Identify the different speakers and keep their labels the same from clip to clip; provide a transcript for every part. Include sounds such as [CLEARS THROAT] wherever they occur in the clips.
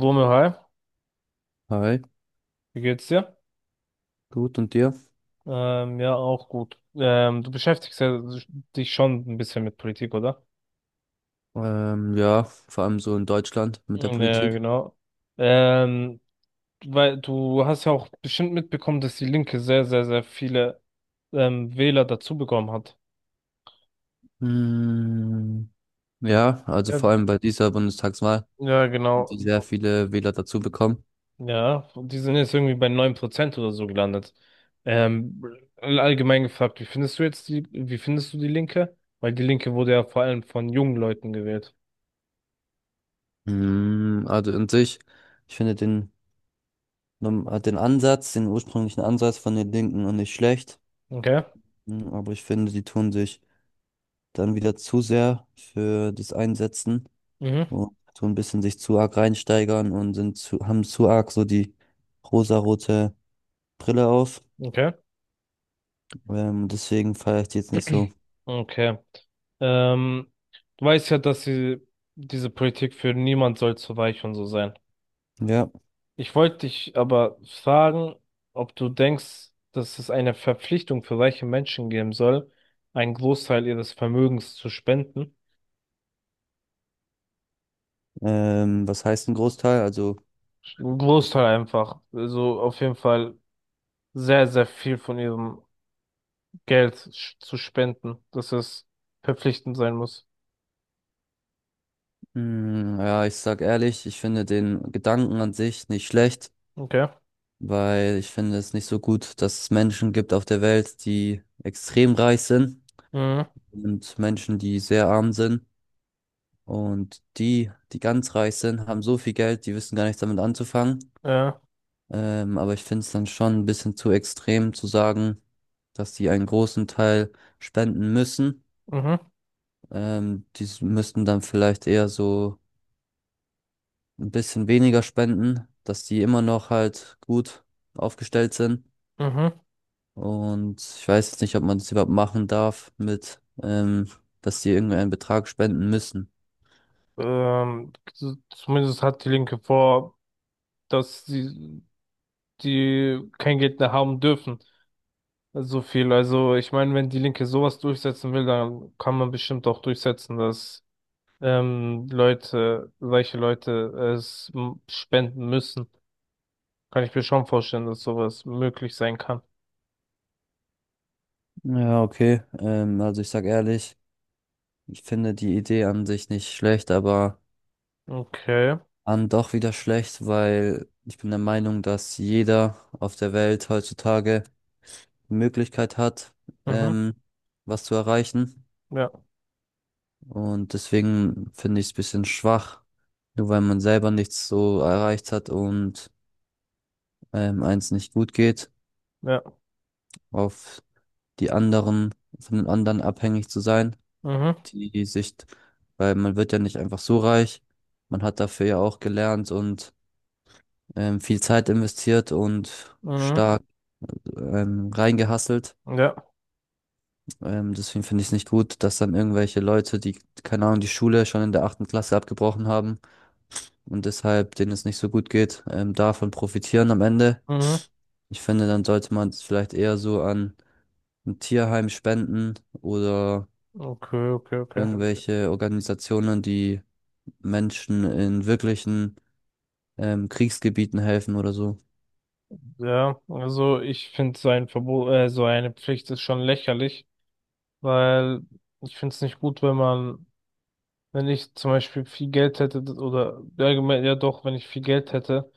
Speaker 1: Romeo, hi,
Speaker 2: Hi,
Speaker 1: wie geht's dir?
Speaker 2: gut und dir?
Speaker 1: Ja, auch gut. Du beschäftigst ja dich schon ein bisschen mit Politik, oder?
Speaker 2: Ja, vor allem so in Deutschland mit der
Speaker 1: Mhm. Ja,
Speaker 2: Politik.
Speaker 1: genau. Ähm, Weil du hast ja auch bestimmt mitbekommen, dass die Linke sehr, sehr, sehr viele Wähler dazu bekommen hat.
Speaker 2: Mm, ja, also
Speaker 1: Ja,
Speaker 2: vor allem bei dieser Bundestagswahl
Speaker 1: ja,
Speaker 2: haben
Speaker 1: genau.
Speaker 2: die sehr viele Wähler dazu bekommen.
Speaker 1: Ja, die sind jetzt irgendwie bei 9% oder so gelandet. Ähm, Allgemein gefragt, wie findest du die Linke? Weil die Linke wurde ja vor allem von jungen Leuten gewählt.
Speaker 2: Mm, also in sich, ich finde den, Num- den Ansatz, den ursprünglichen Ansatz von den Linken noch nicht schlecht.
Speaker 1: Okay.
Speaker 2: Mm, aber ich finde, sie tun sich dann wieder zu sehr für das Einsetzen
Speaker 1: Mhm.
Speaker 2: und tun ein bisschen sich zu arg reinsteigern und sind haben zu arg so die rosarote Brille auf.
Speaker 1: Okay.
Speaker 2: Deswegen feiere ich die jetzt nicht so.
Speaker 1: Okay. Ähm, Du weißt ja, dass sie, diese Politik für niemand soll zu weich und so sein.
Speaker 2: Ja.
Speaker 1: Ich wollte dich aber fragen, ob du denkst, dass es eine Verpflichtung für reiche Menschen geben soll, einen Großteil ihres Vermögens zu spenden.
Speaker 2: Was heißt ein Großteil? Also,
Speaker 1: Einen Großteil einfach. Also auf jeden Fall sehr, sehr viel von ihrem Geld zu spenden, dass es verpflichtend sein muss.
Speaker 2: ja, ich sag ehrlich, ich finde den Gedanken an sich nicht schlecht,
Speaker 1: Okay.
Speaker 2: weil ich finde es nicht so gut, dass es Menschen gibt auf der Welt, die extrem reich sind,
Speaker 1: Mhm.
Speaker 2: und Menschen, die sehr arm sind. Und die, die ganz reich sind, haben so viel Geld, die wissen gar nichts damit anzufangen.
Speaker 1: Ja.
Speaker 2: Aber ich finde es dann schon ein bisschen zu extrem zu sagen, dass die einen großen Teil spenden müssen.
Speaker 1: Mhm.
Speaker 2: Müssten dann vielleicht eher so ein bisschen weniger spenden, dass die immer noch halt gut aufgestellt sind.
Speaker 1: Mhm.
Speaker 2: Und ich weiß jetzt nicht, ob man das überhaupt machen darf mit, dass die irgendeinen Betrag spenden müssen.
Speaker 1: Zumindest hat die Linke vor, dass sie die kein Geld mehr haben dürfen. So viel. Also ich meine, wenn die Linke sowas durchsetzen will, dann kann man bestimmt auch durchsetzen, dass Leute, reiche Leute es spenden müssen. Kann ich mir schon vorstellen, dass sowas möglich sein kann.
Speaker 2: Ja, okay. Also ich sag ehrlich, ich finde die Idee an sich nicht schlecht, aber
Speaker 1: Okay.
Speaker 2: an doch wieder schlecht, weil ich bin der Meinung, dass jeder auf der Welt heutzutage die Möglichkeit hat,
Speaker 1: Mhm.
Speaker 2: ähm, was zu erreichen.
Speaker 1: Ja.
Speaker 2: Und deswegen finde ich es ein bisschen schwach, nur weil man selber nichts so erreicht hat und eins nicht gut geht,
Speaker 1: Ja.
Speaker 2: auf die anderen, von den anderen abhängig zu sein,
Speaker 1: Mhm.
Speaker 2: die sich, weil man wird ja nicht einfach so reich, man hat dafür ja auch gelernt und viel Zeit investiert und
Speaker 1: Mhm.
Speaker 2: stark reingehasselt.
Speaker 1: Ja.
Speaker 2: Deswegen finde ich es nicht gut, dass dann irgendwelche Leute, die, keine Ahnung, die Schule schon in der achten Klasse abgebrochen haben, und deshalb denen es nicht so gut geht, davon profitieren am Ende.
Speaker 1: Mhm.
Speaker 2: Ich finde, dann sollte man es vielleicht eher so an ein Tierheim spenden oder
Speaker 1: Okay, okay, okay.
Speaker 2: irgendwelche Organisationen, die Menschen in wirklichen Kriegsgebieten helfen oder so.
Speaker 1: Ja, also ich finde so ein Verbot, so eine Pflicht ist schon lächerlich, weil ich finde es nicht gut, wenn man, wenn ich zum Beispiel viel Geld hätte oder allgemein, ja doch, wenn ich viel Geld hätte,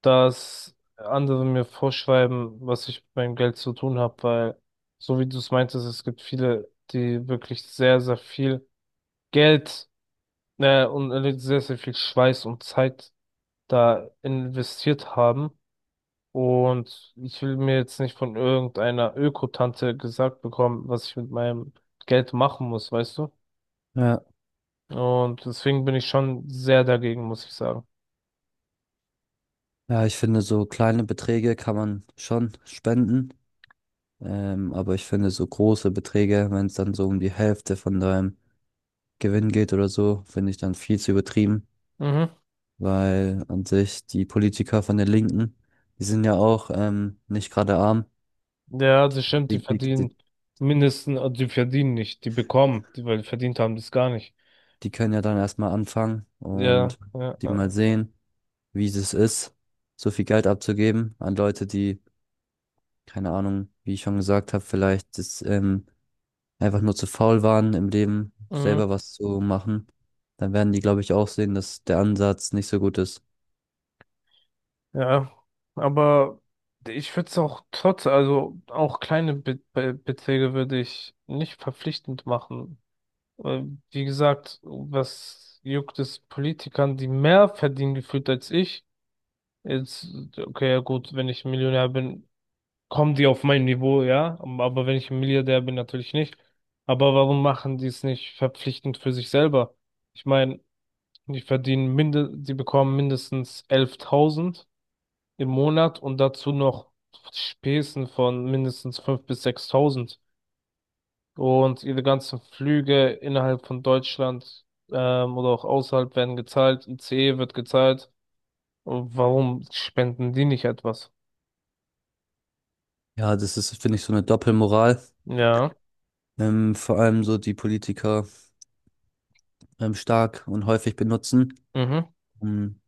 Speaker 1: dass andere mir vorschreiben, was ich mit meinem Geld zu tun habe, weil so wie du es meintest, es gibt viele, die wirklich sehr, sehr viel Geld, und sehr, sehr viel Schweiß und Zeit da investiert haben. Und ich will mir jetzt nicht von irgendeiner Öko-Tante gesagt bekommen, was ich mit meinem Geld machen muss, weißt du?
Speaker 2: Ja,
Speaker 1: Und deswegen bin ich schon sehr dagegen, muss ich sagen.
Speaker 2: ja, ich finde, so kleine Beträge kann man schon spenden, aber ich finde, so große Beträge, wenn es dann so um die Hälfte von deinem Gewinn geht oder so, finde ich dann viel zu übertrieben.
Speaker 1: Mhm.
Speaker 2: Weil an sich die Politiker von der Linken, die sind ja auch nicht gerade arm.
Speaker 1: Ja, das stimmt, die
Speaker 2: Die, die,
Speaker 1: verdienen
Speaker 2: die,
Speaker 1: mindestens, die verdienen nicht, die bekommen, die, weil die verdient haben, das gar nicht.
Speaker 2: die können ja dann erstmal anfangen
Speaker 1: Ja,
Speaker 2: und
Speaker 1: ja,
Speaker 2: die
Speaker 1: ja.
Speaker 2: mal sehen, wie es ist, so viel Geld abzugeben an Leute, die, keine Ahnung, wie ich schon gesagt habe, vielleicht das, einfach nur zu faul waren im Leben,
Speaker 1: Mhm.
Speaker 2: selber was zu machen. Dann werden die, glaube ich, auch sehen, dass der Ansatz nicht so gut ist.
Speaker 1: Ja, aber ich würde es auch trotz, also auch kleine Be Be Beträge würde ich nicht verpflichtend machen. Äh, Wie gesagt, was juckt es Politikern, die mehr verdienen gefühlt als ich? Jetzt, okay, ja gut, wenn ich Millionär bin, kommen die auf mein Niveau, ja. Aber wenn ich ein Milliardär bin, natürlich nicht. Aber warum machen die es nicht verpflichtend für sich selber? Ich meine, die bekommen mindestens 11.000 im Monat und dazu noch Spesen von mindestens 5.000 bis 6.000. Und ihre ganzen Flüge innerhalb von Deutschland oder auch außerhalb werden gezahlt. ICE wird gezahlt. Und warum spenden die nicht etwas?
Speaker 2: Ja, das ist, finde ich, so eine Doppelmoral.
Speaker 1: Ja,
Speaker 2: Vor allem so die Politiker stark und häufig benutzen,
Speaker 1: mhm,
Speaker 2: um,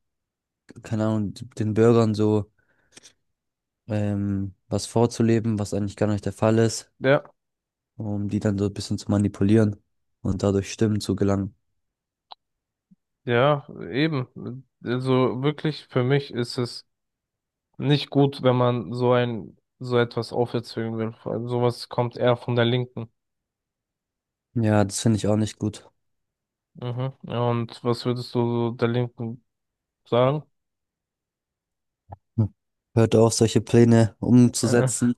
Speaker 2: keine Ahnung, den Bürgern so was vorzuleben, was eigentlich gar nicht der Fall ist,
Speaker 1: ja,
Speaker 2: um die dann so ein bisschen zu manipulieren und dadurch Stimmen zu gelangen.
Speaker 1: ja, eben. Also wirklich, für mich ist es nicht gut, wenn man so ein, so etwas aufzwingen will. Vor allem sowas kommt eher von der Linken.
Speaker 2: Ja, das finde ich auch nicht gut.
Speaker 1: Mhm. Ja, und was würdest du so der Linken sagen?
Speaker 2: Hm. Hört auf, solche Pläne
Speaker 1: Äh,
Speaker 2: umzusetzen,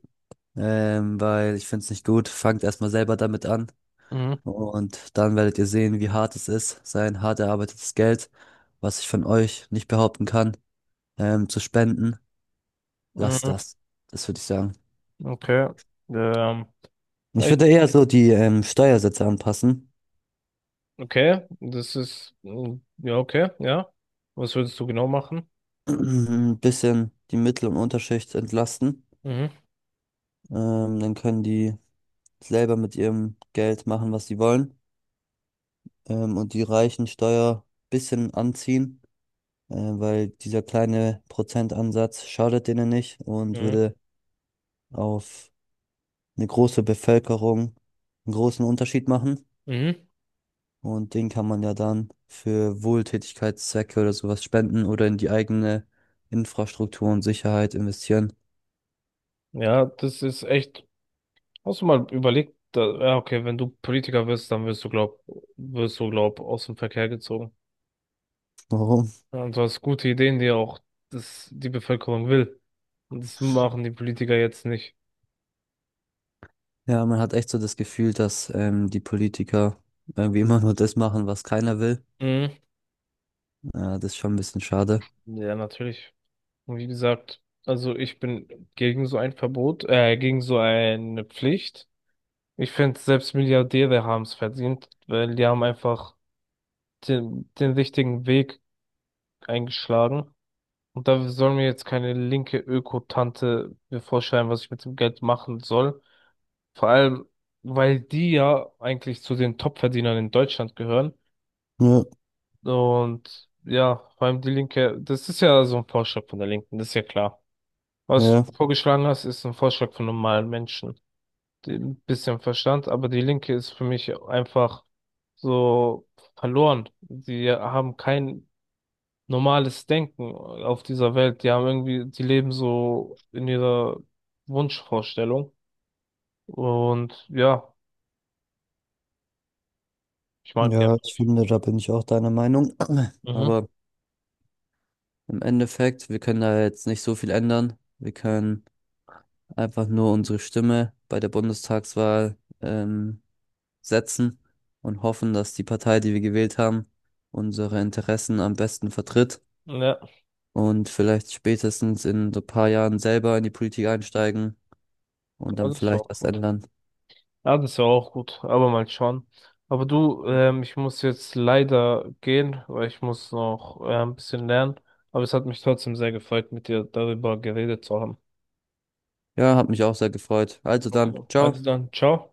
Speaker 2: weil ich finde es nicht gut. Fangt erstmal selber damit an
Speaker 1: mhm,
Speaker 2: und dann werdet ihr sehen, wie hart es ist, sein hart erarbeitetes Geld, was ich von euch nicht behaupten kann, zu spenden. Lasst
Speaker 1: mhm,
Speaker 2: das. Das würde ich sagen.
Speaker 1: okay. Ähm, ja,
Speaker 2: Ich würde eher so die Steuersätze anpassen,
Speaker 1: okay, das ist, ja, okay, ja. Was würdest du genau machen?
Speaker 2: [CLEARS THROAT] ein bisschen die Mittel- und Unterschicht entlasten.
Speaker 1: Mhm,
Speaker 2: Dann können die selber mit ihrem Geld machen, was sie wollen. Und die reichen Steuer ein bisschen anziehen, weil dieser kleine Prozentansatz schadet denen nicht und
Speaker 1: mhm,
Speaker 2: würde auf eine große Bevölkerung einen großen Unterschied machen.
Speaker 1: mhm.
Speaker 2: Und den kann man ja dann für Wohltätigkeitszwecke oder sowas spenden oder in die eigene Infrastruktur und Sicherheit investieren.
Speaker 1: Ja, das ist echt, hast du mal überlegt, da, ja, okay, wenn du Politiker wirst, dann wirst du, glaub, aus dem Verkehr gezogen.
Speaker 2: Warum?
Speaker 1: Ja, und du hast gute Ideen, die auch das, die Bevölkerung will. Und das machen die Politiker jetzt nicht.
Speaker 2: Ja, man hat echt so das Gefühl, dass die Politiker irgendwie immer nur das machen, was keiner will.
Speaker 1: Mhm.
Speaker 2: Ja, das ist schon ein bisschen schade.
Speaker 1: Ja, natürlich. Und wie gesagt, also ich bin gegen so ein Verbot, gegen so eine Pflicht. Ich finde, selbst Milliardäre haben es verdient, weil die haben einfach den richtigen Weg eingeschlagen. Und da soll mir jetzt keine linke Öko-Tante mir vorschreiben, was ich mit dem Geld machen soll. Vor allem, weil die ja eigentlich zu den Top-Verdienern in Deutschland gehören.
Speaker 2: Ja,
Speaker 1: Und ja, vor allem die Linke, das ist ja so ein Vorschlag von der Linken, das ist ja klar. Was du
Speaker 2: ja,
Speaker 1: vorgeschlagen hast, ist ein Vorschlag von normalen Menschen. Ein bisschen Verstand, aber die Linke ist für mich einfach so verloren. Die haben kein normales Denken auf dieser Welt. Die haben irgendwie, die leben so in ihrer Wunschvorstellung. Und ja, ich mag die
Speaker 2: ja,
Speaker 1: einfach
Speaker 2: ich
Speaker 1: nicht.
Speaker 2: finde, da bin ich auch deiner Meinung. [CLEARS THROAT]
Speaker 1: Mhm.
Speaker 2: Aber im Endeffekt, wir können da jetzt nicht so viel ändern. Wir können einfach nur unsere Stimme bei der Bundestagswahl setzen und hoffen, dass die Partei, die wir gewählt haben, unsere Interessen am besten vertritt
Speaker 1: Ja,
Speaker 2: und vielleicht spätestens in so ein paar Jahren selber in die Politik einsteigen und dann
Speaker 1: also das war
Speaker 2: vielleicht
Speaker 1: auch
Speaker 2: was
Speaker 1: gut.
Speaker 2: ändern.
Speaker 1: Ja, das war auch gut, aber mal schauen. Aber du, ich muss jetzt leider gehen, weil ich muss noch ein bisschen lernen. Aber es hat mich trotzdem sehr gefreut, mit dir darüber geredet zu haben.
Speaker 2: Ja, hat mich auch sehr gefreut. Also dann,
Speaker 1: Okay, also
Speaker 2: ciao.
Speaker 1: dann, ciao.